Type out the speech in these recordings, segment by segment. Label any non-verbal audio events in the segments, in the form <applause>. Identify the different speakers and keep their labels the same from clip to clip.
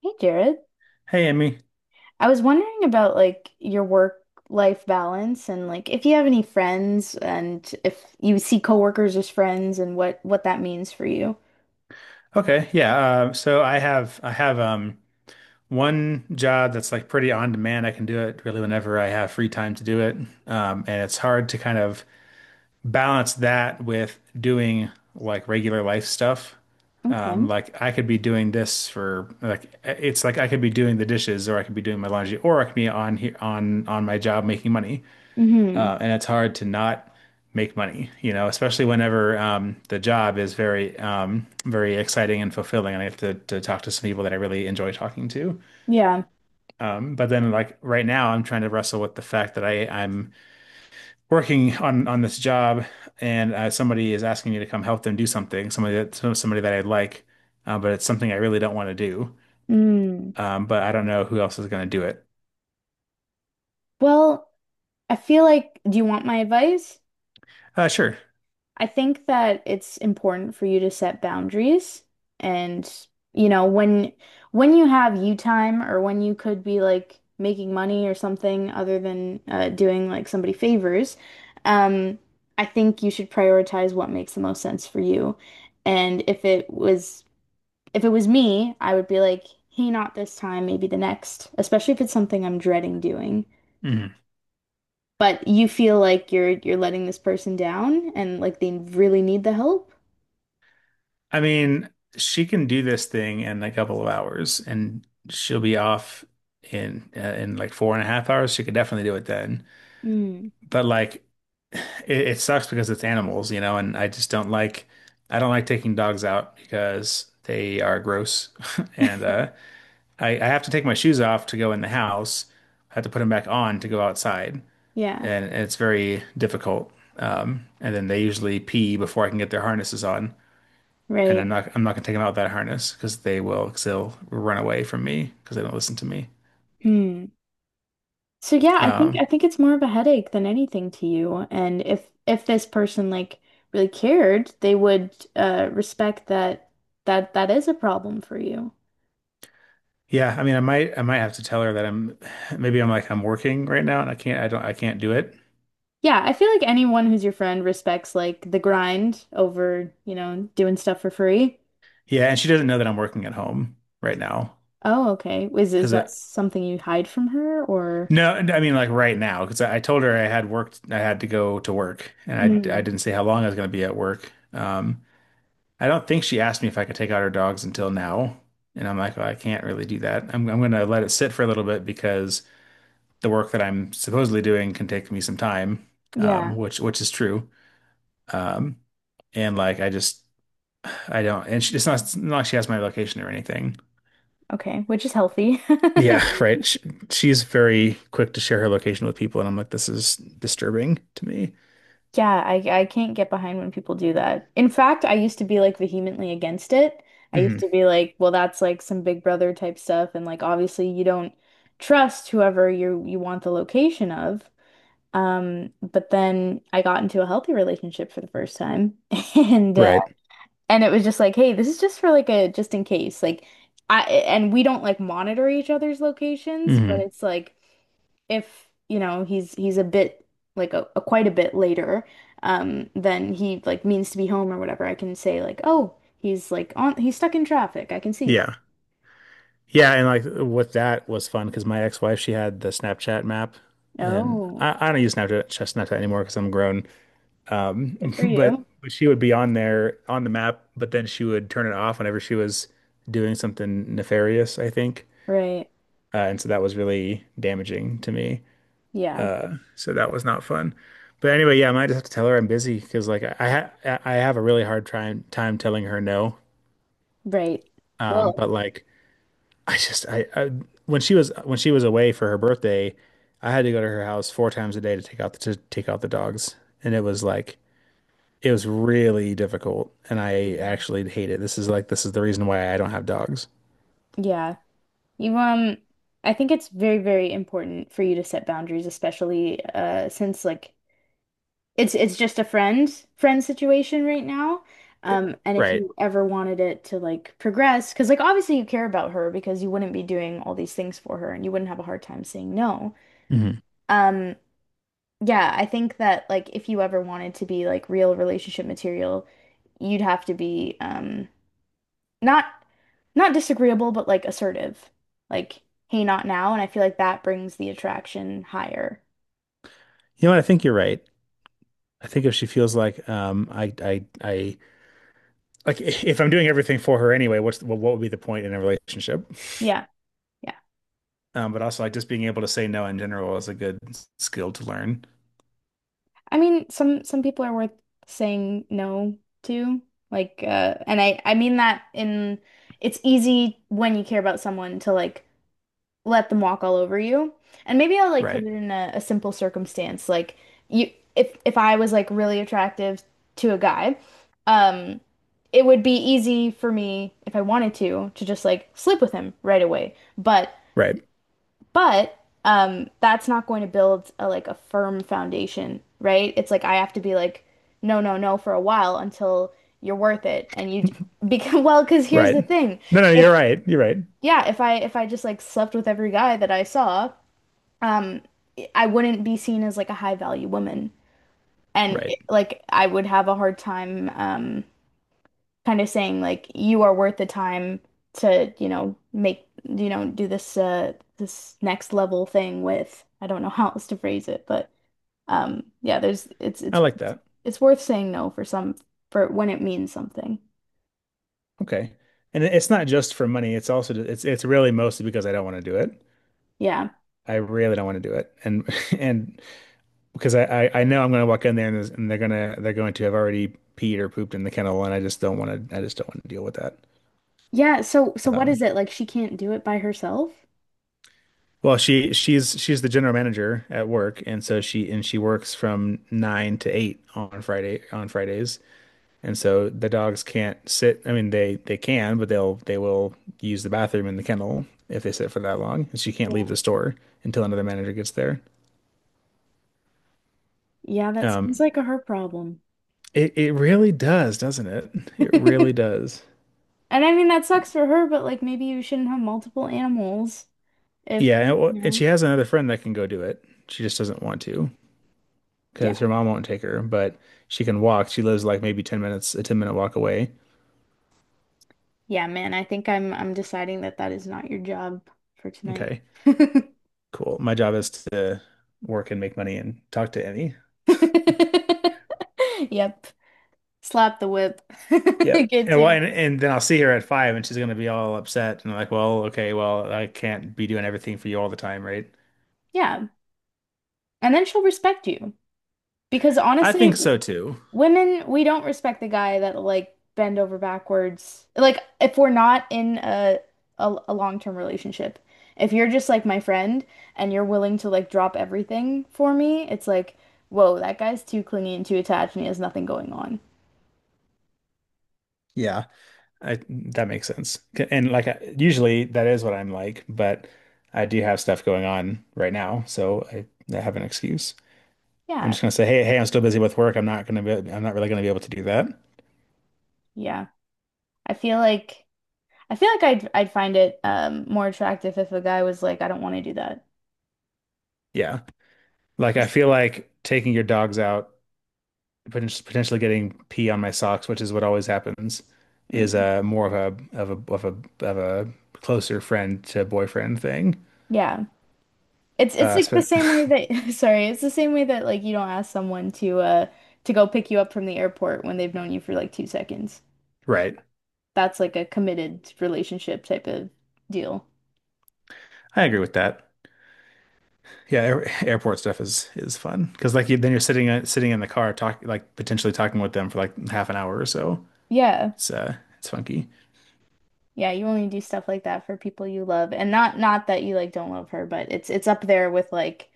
Speaker 1: Hey Jared,
Speaker 2: Hey, Emmy.
Speaker 1: I was wondering about your work life balance and if you have any friends and if you see coworkers as friends and what that means for you.
Speaker 2: Okay, yeah. So I have one job that's like pretty on demand. I can do it really whenever I have free time to do it. And it's hard to kind of balance that with doing like regular life stuff.
Speaker 1: Okay.
Speaker 2: Like I could be doing this for like it's like I could be doing the dishes or I could be doing my laundry or I could be on here on my job making money.
Speaker 1: Mm-hmm.
Speaker 2: And it's hard to not make money, you know, especially whenever the job is very, very exciting and fulfilling, and I have to talk to some people that I really enjoy talking to.
Speaker 1: Yeah.
Speaker 2: But then, like right now, I'm trying to wrestle with the fact that I'm working on this job, and somebody is asking me to come help them do something, somebody that I like, but it's something I really don't want to do.
Speaker 1: Mm.
Speaker 2: But I don't know who else is going to do it.
Speaker 1: Well, I feel like, do you want my advice?
Speaker 2: Sure.
Speaker 1: I think that it's important for you to set boundaries, and you know when you have you time, or when you could be like making money or something other than doing like somebody favors. um I think you should prioritize what makes the most sense for you. And if it was me, I would be like, hey, not this time, maybe the next, especially if it's something I'm dreading doing.
Speaker 2: Mhm.
Speaker 1: But you feel like you're letting this person down, and like they really need the help.
Speaker 2: I mean, she can do this thing in a couple of hours, and she'll be off in like 4.5 hours. She could definitely do it then.
Speaker 1: Mm.
Speaker 2: But like, it sucks because it's animals, you know, and I don't like taking dogs out because they are gross, <laughs> and
Speaker 1: <laughs>
Speaker 2: I have to take my shoes off to go in the house. I have to put them back on to go outside,
Speaker 1: Yeah,
Speaker 2: and it's very difficult. And then they usually pee before I can get their harnesses on, and I'm
Speaker 1: right.
Speaker 2: not I'm not gonna take them out of that harness because they will because they'll run away from me because they don't listen to me.
Speaker 1: Hmm. So yeah, I
Speaker 2: Um,
Speaker 1: think it's more of a headache than anything to you. And if this person like really cared, they would respect that that is a problem for you.
Speaker 2: yeah, I mean, I might have to tell her that I'm working right now and I can't do it.
Speaker 1: Yeah, I feel like anyone who's your friend respects like the grind over, you know, doing stuff for free.
Speaker 2: Yeah, and she doesn't know that I'm working at home right now.
Speaker 1: Oh, okay. Is
Speaker 2: Because
Speaker 1: that something you hide from her, or...
Speaker 2: No, I mean, like, right now because I told her I had to go to work, and I
Speaker 1: Mm.
Speaker 2: didn't say how long I was gonna be at work. I don't think she asked me if I could take out her dogs until now. And I'm like, well, I can't really do that. I'm going to let it sit for a little bit because the work that I'm supposedly doing can take me some time,
Speaker 1: Yeah.
Speaker 2: which is true. Um, and like I don't, it's not like she has my location or anything.
Speaker 1: Okay, which is healthy. <laughs>
Speaker 2: Yeah, right. She's very quick to share her location with people, and I'm like, this is disturbing to me.
Speaker 1: Yeah, I can't get behind when people do that. In fact, I used to be like vehemently against it. I used
Speaker 2: Mhm.
Speaker 1: to be like, well, that's like some Big Brother type stuff, and like obviously you don't trust whoever you want the location of. But then I got into a healthy relationship for the first time, <laughs> and uh,
Speaker 2: Right.
Speaker 1: and it was just like, hey, this is just for like a just in case, like I— and we don't like monitor each other's locations, but
Speaker 2: Hmm.
Speaker 1: it's like if you know he's a bit like a quite a bit later, um, then he like means to be home or whatever, I can say like, oh, he's like on he's stuck in traffic, I can see that.
Speaker 2: Yeah. Yeah, and like with that was fun because my ex-wife, she had the Snapchat map, and
Speaker 1: Oh,
Speaker 2: I don't use Snapchat anymore because I'm grown.
Speaker 1: good for
Speaker 2: But
Speaker 1: you.
Speaker 2: but she would be on there on the map, but then she would turn it off whenever she was doing something nefarious, I think.
Speaker 1: Right.
Speaker 2: And so that was really damaging to me.
Speaker 1: Yeah.
Speaker 2: So that was not fun. But anyway, yeah, I might just have to tell her I'm busy because like I have a really hard time telling her no.
Speaker 1: Right.
Speaker 2: Um,
Speaker 1: Well.
Speaker 2: but like I when she was away for her birthday, I had to go to her house four times a day to take out the dogs, and it was really difficult, and I
Speaker 1: Mm,
Speaker 2: actually hate it. This is the reason why I don't have dogs.
Speaker 1: yeah. you I think it's very important for you to set boundaries, especially since like it's just a friend situation right now. And if
Speaker 2: Right.
Speaker 1: you ever wanted it to like progress, because like obviously you care about her, because you wouldn't be doing all these things for her and you wouldn't have a hard time saying no.
Speaker 2: Hmm. You
Speaker 1: Um, yeah, I think that like if you ever wanted to be like real relationship material, you'd have to be, um, not disagreeable, but like assertive. Like, hey, not now. And I feel like that brings the attraction higher.
Speaker 2: know what? I think you're right. I think if she feels like, like <laughs> if I'm doing everything for her anyway, what would be the point in a relationship?
Speaker 1: Yeah.
Speaker 2: But also, like, just being able to say no in general is a good skill to learn.
Speaker 1: I mean, some people are worth saying no to. Like, and I mean that in— it's easy when you care about someone to like let them walk all over you. And maybe I'll like put it
Speaker 2: Right.
Speaker 1: in a simple circumstance. Like you— if I was like really attractive to a guy, um, it would be easy for me if I wanted to just like sleep with him right away. But
Speaker 2: Right.
Speaker 1: but that's not going to build a like a firm foundation, right? It's like I have to be like, no, no, no for a while until you're worth it. And you d- <laughs>
Speaker 2: <laughs>
Speaker 1: Because, well, because here's
Speaker 2: Right.
Speaker 1: the thing.
Speaker 2: No, no, you're
Speaker 1: If
Speaker 2: right. You're right.
Speaker 1: Yeah, if I just like slept with every guy that I saw, um, I wouldn't be seen as like a high value woman. And
Speaker 2: Right.
Speaker 1: like I would have a hard time, um, kind of saying like, you are worth the time to, you know, make, you know, do this this next level thing with. I don't know <laughs> how else to phrase it, but um, yeah, there's
Speaker 2: I like that.
Speaker 1: it's worth saying no for some for when it means something.
Speaker 2: Okay. And it's not just for money. It's also, it's really mostly because I don't want to do it.
Speaker 1: Yeah.
Speaker 2: I really don't want to do it. And <laughs> And because I know I'm going to walk in there, and they're going to have already peed or pooped in the kennel, and I just don't want to deal with that.
Speaker 1: Yeah, so what is
Speaker 2: Um,
Speaker 1: it? Like she can't do it by herself?
Speaker 2: well, she she's the general manager at work, and so she works from 9 to 8 on Fridays. And so the dogs can't sit. I mean, they can, but they will use the bathroom in the kennel if they sit for that long. And she can't leave
Speaker 1: Yeah.
Speaker 2: the store until another manager gets there.
Speaker 1: Yeah, that sounds
Speaker 2: Um,
Speaker 1: like a her problem.
Speaker 2: It it really does, doesn't it? It really
Speaker 1: <laughs>
Speaker 2: does.
Speaker 1: And I mean that sucks for her, but like maybe you shouldn't have multiple animals, if
Speaker 2: Yeah, and, it wa-
Speaker 1: you
Speaker 2: and
Speaker 1: know.
Speaker 2: she has another friend that can go do it. She just doesn't want to,
Speaker 1: Yeah.
Speaker 2: because her mom won't take her, but she can walk. She lives like maybe 10 minutes, a 10-minute walk away.
Speaker 1: Yeah, man, I'm deciding that that is not your job for tonight.
Speaker 2: Okay,
Speaker 1: <laughs>
Speaker 2: cool. My job is to work and make money and talk to Emmy.
Speaker 1: Yep. Slap the whip. <laughs>
Speaker 2: Yep.
Speaker 1: Good
Speaker 2: And well,
Speaker 1: to.
Speaker 2: and then I'll see her at five, and she's gonna be all upset and like, well, okay, well, I can't be doing everything for you all the time, right?
Speaker 1: Yeah. And then she'll respect you. Because
Speaker 2: I
Speaker 1: honestly,
Speaker 2: think so too.
Speaker 1: women, we don't respect the guy that like bend over backwards. Like if we're not in a long-term relationship. If you're just like my friend and you're willing to like drop everything for me, it's like, whoa, that guy's too clingy and too attached, and he has nothing going on.
Speaker 2: Yeah. I that makes sense. And like, usually that is what I'm like, but I do have stuff going on right now, so I have an excuse. I'm
Speaker 1: Yeah.
Speaker 2: just gonna say, hey, I'm still busy with work. I'm not really gonna be able to do that.
Speaker 1: Yeah. I feel like I'd find it more attractive if a guy was like, I don't want to do that.
Speaker 2: Yeah. Like, I
Speaker 1: Just
Speaker 2: feel like taking your dogs out, potentially getting pee on my socks, which is what always happens, is
Speaker 1: mm,
Speaker 2: a more of a of a of a of a closer friend to boyfriend thing.
Speaker 1: yeah. It's
Speaker 2: Uh,
Speaker 1: like the
Speaker 2: sp-
Speaker 1: same way that <laughs> sorry, it's the same way that like you don't ask someone to go pick you up from the airport when they've known you for like 2 seconds.
Speaker 2: <laughs> right.
Speaker 1: That's like a committed relationship type of deal.
Speaker 2: I agree with that. Yeah, airport stuff is fun because like then you're sitting in the car talk like potentially talking with them for like half an hour or so.
Speaker 1: Yeah.
Speaker 2: It's funky.
Speaker 1: Yeah, you only do stuff like that for people you love. And not that you like don't love her, but it's up there with like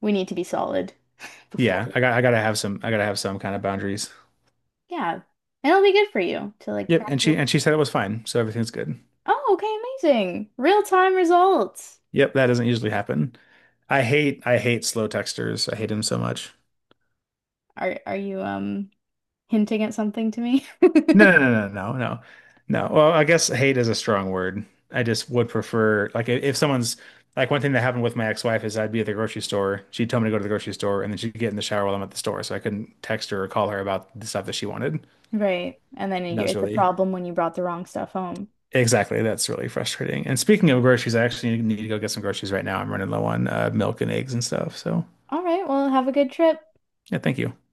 Speaker 1: we need to be solid <laughs> before.
Speaker 2: Yeah, I gotta have some kind of boundaries.
Speaker 1: Yeah. And it'll be good for you to like
Speaker 2: Yep,
Speaker 1: practice.
Speaker 2: and she said it was fine, so everything's good.
Speaker 1: Oh, okay, amazing. Real-time results.
Speaker 2: Yep, that doesn't usually happen. I hate slow texters. I hate them so much.
Speaker 1: Are you hinting at something to me?
Speaker 2: No,
Speaker 1: <laughs>
Speaker 2: no, no, no, no, no. No. Well, I guess hate is a strong word. I just would prefer, like, I- if someone's like one thing that happened with my ex-wife is I'd be at the grocery store. She'd tell me to go to the grocery store, and then she'd get in the shower while I'm at the store, so I couldn't text her or call her about the stuff that she wanted.
Speaker 1: Right. And then
Speaker 2: And that
Speaker 1: you,
Speaker 2: was
Speaker 1: it's a
Speaker 2: really
Speaker 1: problem when you brought the wrong stuff home.
Speaker 2: exactly, that's really frustrating. And speaking of groceries, I actually need to go get some groceries right now. I'm running low on milk and eggs and stuff. So
Speaker 1: All right, well, have a good trip.
Speaker 2: yeah, thank you.